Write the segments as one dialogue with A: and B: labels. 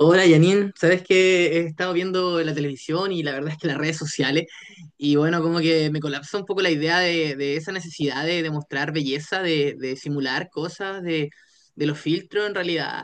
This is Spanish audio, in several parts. A: Hola Janine, sabes que he estado viendo la televisión y la verdad es que las redes sociales y bueno, como que me colapsa un poco la idea de esa necesidad de, demostrar belleza, de simular cosas, de los filtros en realidad.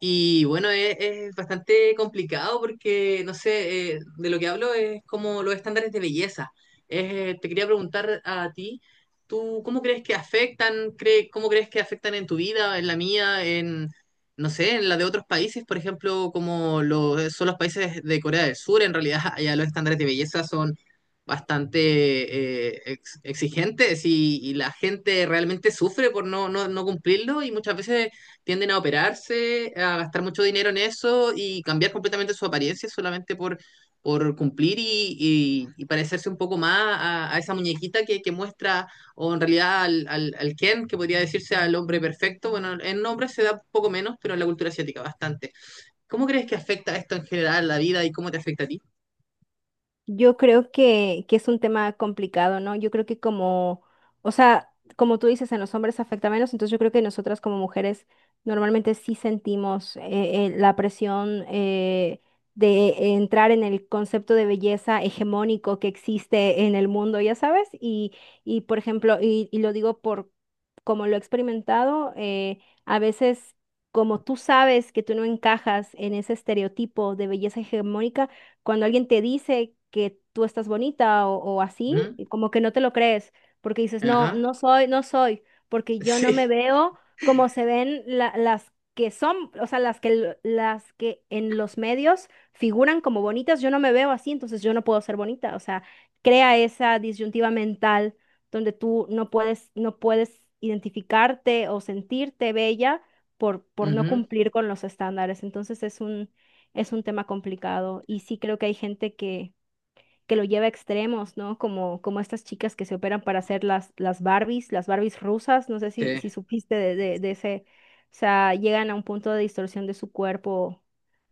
A: Y bueno, es bastante complicado porque, no sé, de lo que hablo es como los estándares de belleza. Te quería preguntar a ti, ¿tú cómo crees que afectan, cómo crees que afectan en tu vida, en la mía, en no sé, en la de otros países, por ejemplo, como los, son los países de Corea del Sur, en realidad? Allá los estándares de belleza son bastante exigentes y la gente realmente sufre por no cumplirlo y muchas veces tienden a operarse, a gastar mucho dinero en eso y cambiar completamente su apariencia solamente por cumplir y, y parecerse un poco más a esa muñequita que muestra o en realidad al Ken, que podría decirse al hombre perfecto. Bueno, en hombres se da poco menos, pero en la cultura asiática bastante. ¿Cómo crees que afecta esto en general la vida y cómo te afecta a ti?
B: Yo creo que, es un tema complicado, ¿no? Yo creo que como, o sea, como tú dices, en los hombres afecta menos, entonces yo creo que nosotras como mujeres normalmente sí sentimos la presión de entrar en el concepto de belleza hegemónico que existe en el mundo, ya sabes, y por ejemplo, y lo digo por como lo he experimentado, a veces. Como tú sabes que tú no encajas en ese estereotipo de belleza hegemónica, cuando alguien te dice que tú estás bonita o así,
A: Ujú.
B: y como que no te lo crees, porque dices, no,
A: Ajá.
B: no soy, no soy, porque yo no me
A: Sí.
B: veo como se ven las que son, o sea, las que, las que en los medios figuran como bonitas, yo no me veo así, entonces yo no puedo ser bonita, o sea, crea esa disyuntiva mental donde tú no puedes, no puedes identificarte o sentirte bella por no
A: Ujú.
B: cumplir con los estándares. Entonces es un tema complicado y sí creo que hay gente que lo lleva a extremos, ¿no? Como, como estas chicas que se operan para hacer las Barbies rusas, no sé si,
A: Sí.
B: si supiste de ese, o sea, llegan a un punto de distorsión de su cuerpo,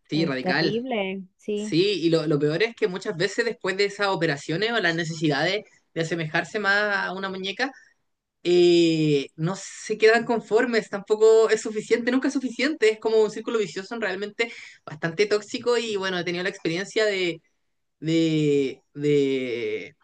A: Sí,
B: es
A: radical.
B: terrible, sí.
A: Sí, y lo peor es que muchas veces después de esas operaciones o las necesidades de asemejarse más a una muñeca, no se quedan conformes, tampoco es suficiente, nunca es suficiente, es como un círculo vicioso realmente bastante tóxico. Y bueno, he tenido la experiencia de, de,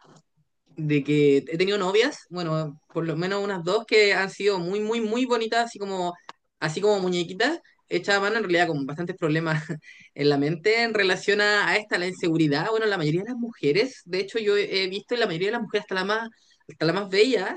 A: de que he tenido novias, bueno, por lo menos unas dos que han sido muy, muy, muy bonitas, así como muñequitas, hechas a mano en realidad con bastantes problemas en la mente en relación a esta, la inseguridad. Bueno, la mayoría de las mujeres, de hecho yo he visto en la mayoría de las mujeres, hasta la más bella,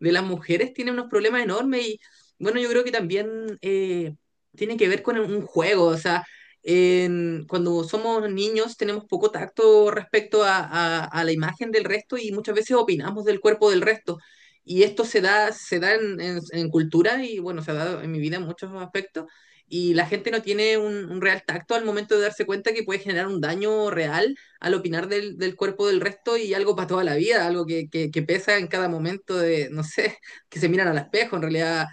A: de las mujeres tiene unos problemas enormes. Y bueno, yo creo que también tiene que ver con un juego, o sea, cuando somos niños tenemos poco tacto respecto a, a la imagen del resto y muchas veces opinamos del cuerpo del resto. Y esto se da en, en cultura y bueno, se ha dado en mi vida en muchos aspectos. Y la gente no tiene un real tacto al momento de darse cuenta que puede generar un daño real al opinar del, del cuerpo del resto y algo para toda la vida, algo que pesa en cada momento de, no sé, que se miran al espejo, en realidad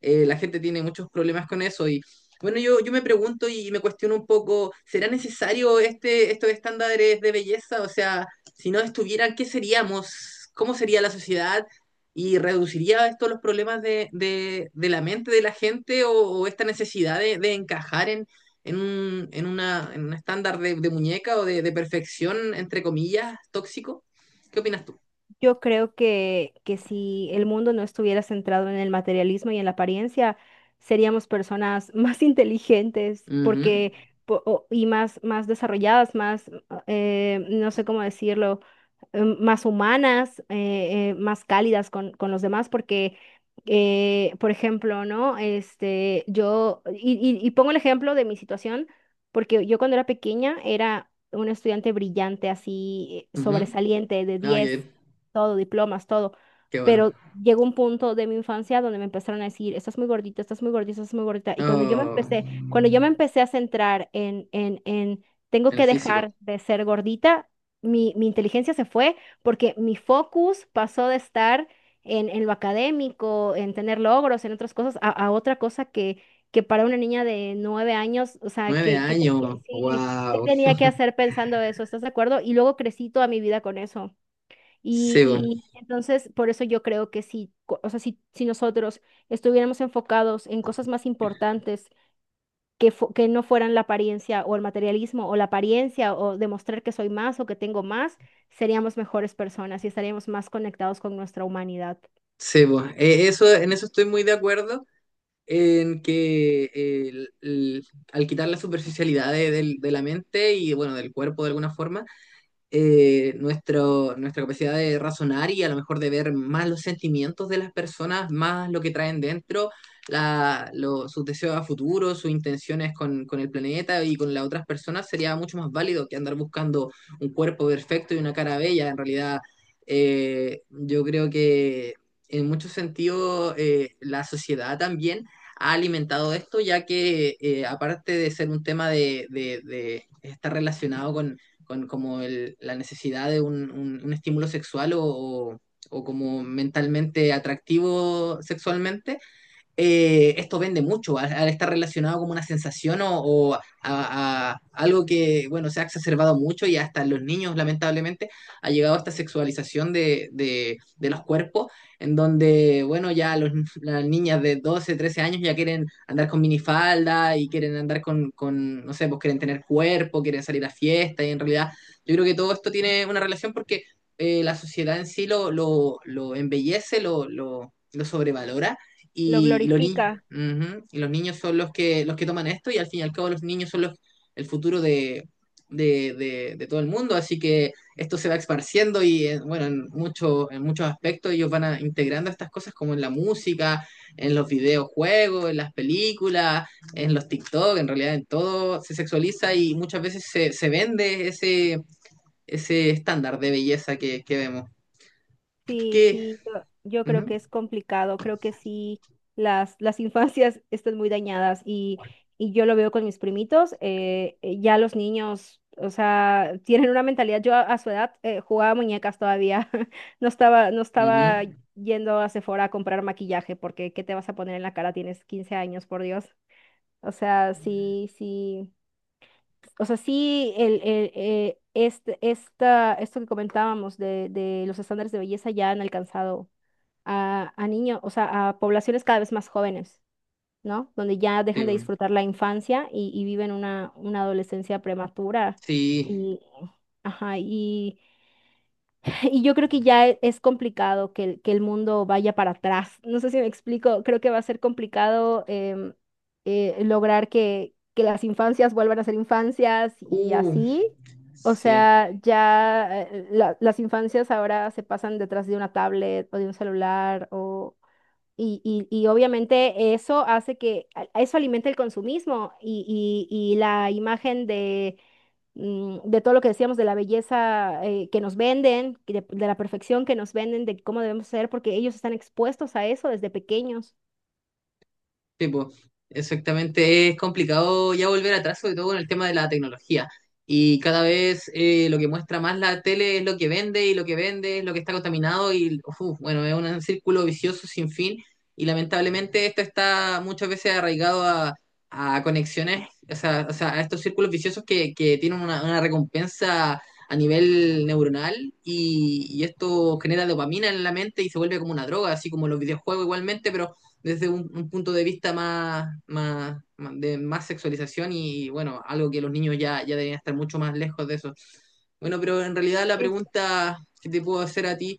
A: la gente tiene muchos problemas con eso. Y bueno, yo me pregunto y me cuestiono un poco, ¿será necesario este, estos estándares de belleza? O sea, si no estuvieran, ¿qué seríamos? ¿Cómo sería la sociedad? ¿Y reduciría esto los problemas de la mente de la gente o esta necesidad de encajar en un, en una, en un estándar de muñeca o de perfección, entre comillas, tóxico? ¿Qué opinas tú?
B: Yo creo que si el mundo no estuviera centrado en el materialismo y en la apariencia, seríamos personas más inteligentes,
A: Ujú.
B: porque y más, más desarrolladas, más, no sé cómo decirlo, más humanas, más cálidas con los demás, porque, por ejemplo, ¿no? Este, y pongo el ejemplo de mi situación, porque yo cuando era pequeña era un estudiante brillante, así
A: Ujú.
B: sobresaliente, de
A: Ah, qué,
B: 10 todo, diplomas, todo.
A: qué bueno.
B: Pero llegó un punto de mi infancia donde me empezaron a decir, estás muy gordita, estás muy gordita, estás muy gordita. Y cuando yo me
A: Oh,
B: empecé, cuando yo me empecé a centrar tengo
A: el
B: que
A: físico.
B: dejar de ser gordita, mi inteligencia se fue porque mi focus pasó de estar en lo académico, en tener logros, en otras cosas, a otra cosa que para una niña de 9 años, o sea,
A: Nueve
B: que,
A: años.
B: que sí, ¿qué
A: Wow.
B: tenía que hacer pensando eso? ¿Estás de acuerdo? Y luego crecí toda mi vida con eso.
A: Sebo,
B: Y entonces, por eso yo creo que si, o sea, si, si nosotros estuviéramos enfocados en cosas más importantes que, que no fueran la apariencia o el materialismo o la apariencia o demostrar que soy más o que tengo más, seríamos mejores personas y estaríamos más conectados con nuestra humanidad.
A: sebo. Eso, en eso estoy muy de acuerdo. En que al quitar la superficialidad de, de la mente y bueno, del cuerpo de alguna forma, nuestra capacidad de razonar y a lo mejor de ver más los sentimientos de las personas, más lo que traen dentro, la, sus deseos a futuro, sus intenciones con el planeta y con las otras personas, sería mucho más válido que andar buscando un cuerpo perfecto y una cara bella. En realidad, yo creo que en muchos sentidos la sociedad también ha alimentado esto, ya que aparte de ser un tema de estar relacionado con como la necesidad de un, un estímulo sexual o como mentalmente atractivo sexualmente. Esto vende mucho al, al estar relacionado como una sensación o a algo que, bueno, se ha exacerbado mucho y hasta en los niños, lamentablemente, ha llegado esta sexualización de los cuerpos, en donde, bueno, ya los, las niñas de 12, 13 años ya quieren andar con minifalda y quieren andar con, no sé, pues quieren tener cuerpo, quieren salir a fiesta y en realidad yo creo que todo esto tiene una relación porque… la sociedad en sí lo embellece, lo sobrevalora
B: Lo
A: y los niños,
B: glorifica.
A: ujú, y los niños son los que toman esto y al fin y al cabo los niños son los, el futuro de, de todo el mundo, así que esto se va esparciendo. Y bueno, en, mucho, en muchos aspectos ellos van integrando estas cosas como en la música, en los videojuegos, en las películas, en los TikTok, en realidad en todo se sexualiza y muchas veces se vende ese, ese estándar de belleza que vemos. ¿Qué? qué-
B: Sí,
A: qué?
B: sí, yo creo
A: Ujú.
B: que es complicado, creo que sí, las infancias están muy dañadas y yo lo veo con mis primitos, ya los niños, o sea, tienen una mentalidad, yo a su edad jugaba muñecas todavía, no estaba, no
A: Ujú.
B: estaba yendo a Sephora a comprar maquillaje porque ¿qué te vas a poner en la cara? Tienes 15 años, por Dios. O sea, sí, sí, o sea, sí, el, este, esta, esto que comentábamos de los estándares de belleza ya han alcanzado a niños, o sea, a poblaciones cada vez más jóvenes, ¿no? Donde ya dejan de
A: Sí.
B: disfrutar la infancia y viven una adolescencia prematura.
A: Sí.
B: Y, ajá, y, y yo creo que ya es complicado que, que el mundo vaya para atrás. No sé si me explico, creo que va a ser complicado lograr que las infancias vuelvan a ser infancias y
A: Uh.
B: así. O
A: Sí,
B: sea, ya las infancias ahora se pasan detrás de una tablet o de un celular o, y, y obviamente eso hace que, eso alimenta el consumismo y la imagen de, de todo lo que decíamos, de la belleza que nos venden, que de la perfección que nos venden, de cómo debemos ser, porque ellos están expuestos a eso desde pequeños.
A: tipo, exactamente. Es complicado ya volver atrás, sobre todo con el tema de la tecnología. Y cada vez lo que muestra más la tele es lo que vende y lo que vende es lo que está contaminado y, uf, bueno, es un círculo vicioso sin fin. Y lamentablemente esto está muchas veces arraigado a conexiones, o sea, a estos círculos viciosos que tienen una recompensa a nivel neuronal. Y, y esto genera dopamina en la mente y se vuelve como una droga, así como los videojuegos igualmente, pero desde un punto de vista más, de más sexualización y bueno, algo que los niños ya deberían estar mucho más lejos de eso. Bueno, pero en realidad la pregunta que te puedo hacer a ti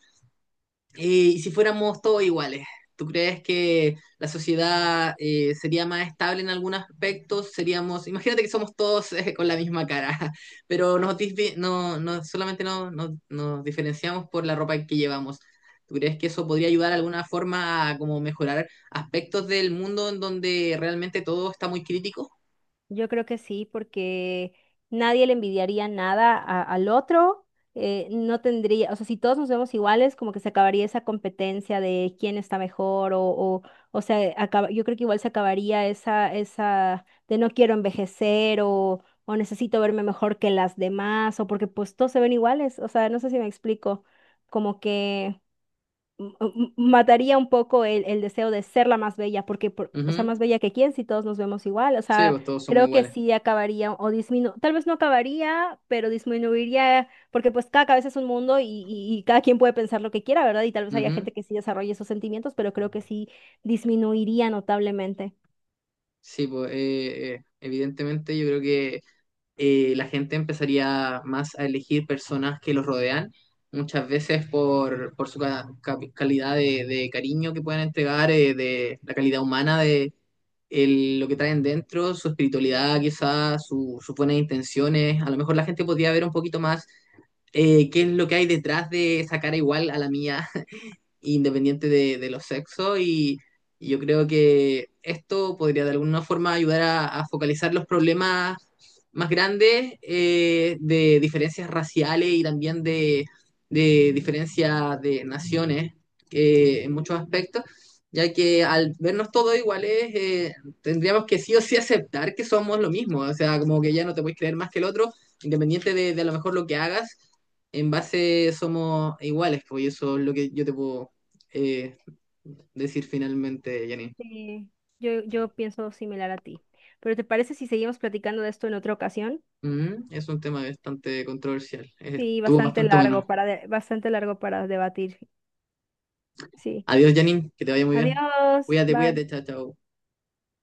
A: eh, y si fuéramos todos iguales, ¿tú crees que la sociedad sería más estable en algunos aspectos? Seríamos, imagínate que somos todos con la misma cara, pero nos disvi- no, no, solamente nos diferenciamos por la ropa que llevamos. ¿Tú crees que eso podría ayudar de alguna forma a como mejorar aspectos del mundo en donde realmente todo está muy crítico?
B: Yo creo que sí, porque nadie le envidiaría nada al otro. No tendría, o sea, si todos nos vemos iguales, como que se acabaría esa competencia de quién está mejor o sea, yo creo que igual se acabaría esa, esa de no quiero envejecer o necesito verme mejor que las demás o porque pues todos se ven iguales. O sea, no sé si me explico, como que mataría un poco el deseo de ser la más bella, porque, o sea,
A: Ujú.
B: más bella que quién si todos nos vemos igual, o
A: Sí,
B: sea,
A: pues todos somos
B: creo que
A: iguales.
B: sí acabaría o disminuiría, tal vez no acabaría, pero disminuiría, porque pues cada cabeza es un mundo y cada quien puede pensar lo que quiera, ¿verdad? Y tal vez haya
A: Ujú.
B: gente que sí desarrolle esos sentimientos, pero creo que sí disminuiría notablemente.
A: Sí, pues evidentemente yo creo que la gente empezaría más a elegir personas que los rodean, muchas veces por su calidad de cariño que pueden entregar, de la calidad humana de lo que traen dentro, su espiritualidad quizás, sus buenas intenciones. A lo mejor la gente podría ver un poquito más qué es lo que hay detrás de esa cara igual a la mía independiente de los sexos. Y, y yo creo que esto podría de alguna forma ayudar a focalizar los problemas más grandes de diferencias raciales y también de diferencias de naciones en muchos aspectos, ya que al vernos todos iguales tendríamos que sí o sí aceptar que somos lo mismo, o sea, como que ya no te puedes creer más que el otro, independiente de a lo mejor lo que hagas, en base somos iguales, pues. Y eso es lo que yo te puedo eh, decir finalmente, Janine.
B: Sí, yo pienso similar a ti. Pero ¿te parece si seguimos platicando de esto en otra ocasión?
A: Mm, es un tema bastante controversial.
B: Sí,
A: Estuvo
B: bastante
A: bastante
B: largo
A: bueno.
B: para bastante largo para debatir. Sí.
A: Adiós, Janine, que te vaya muy bien.
B: Adiós,
A: Cuídate,
B: bye.
A: cuídate, chao, chao.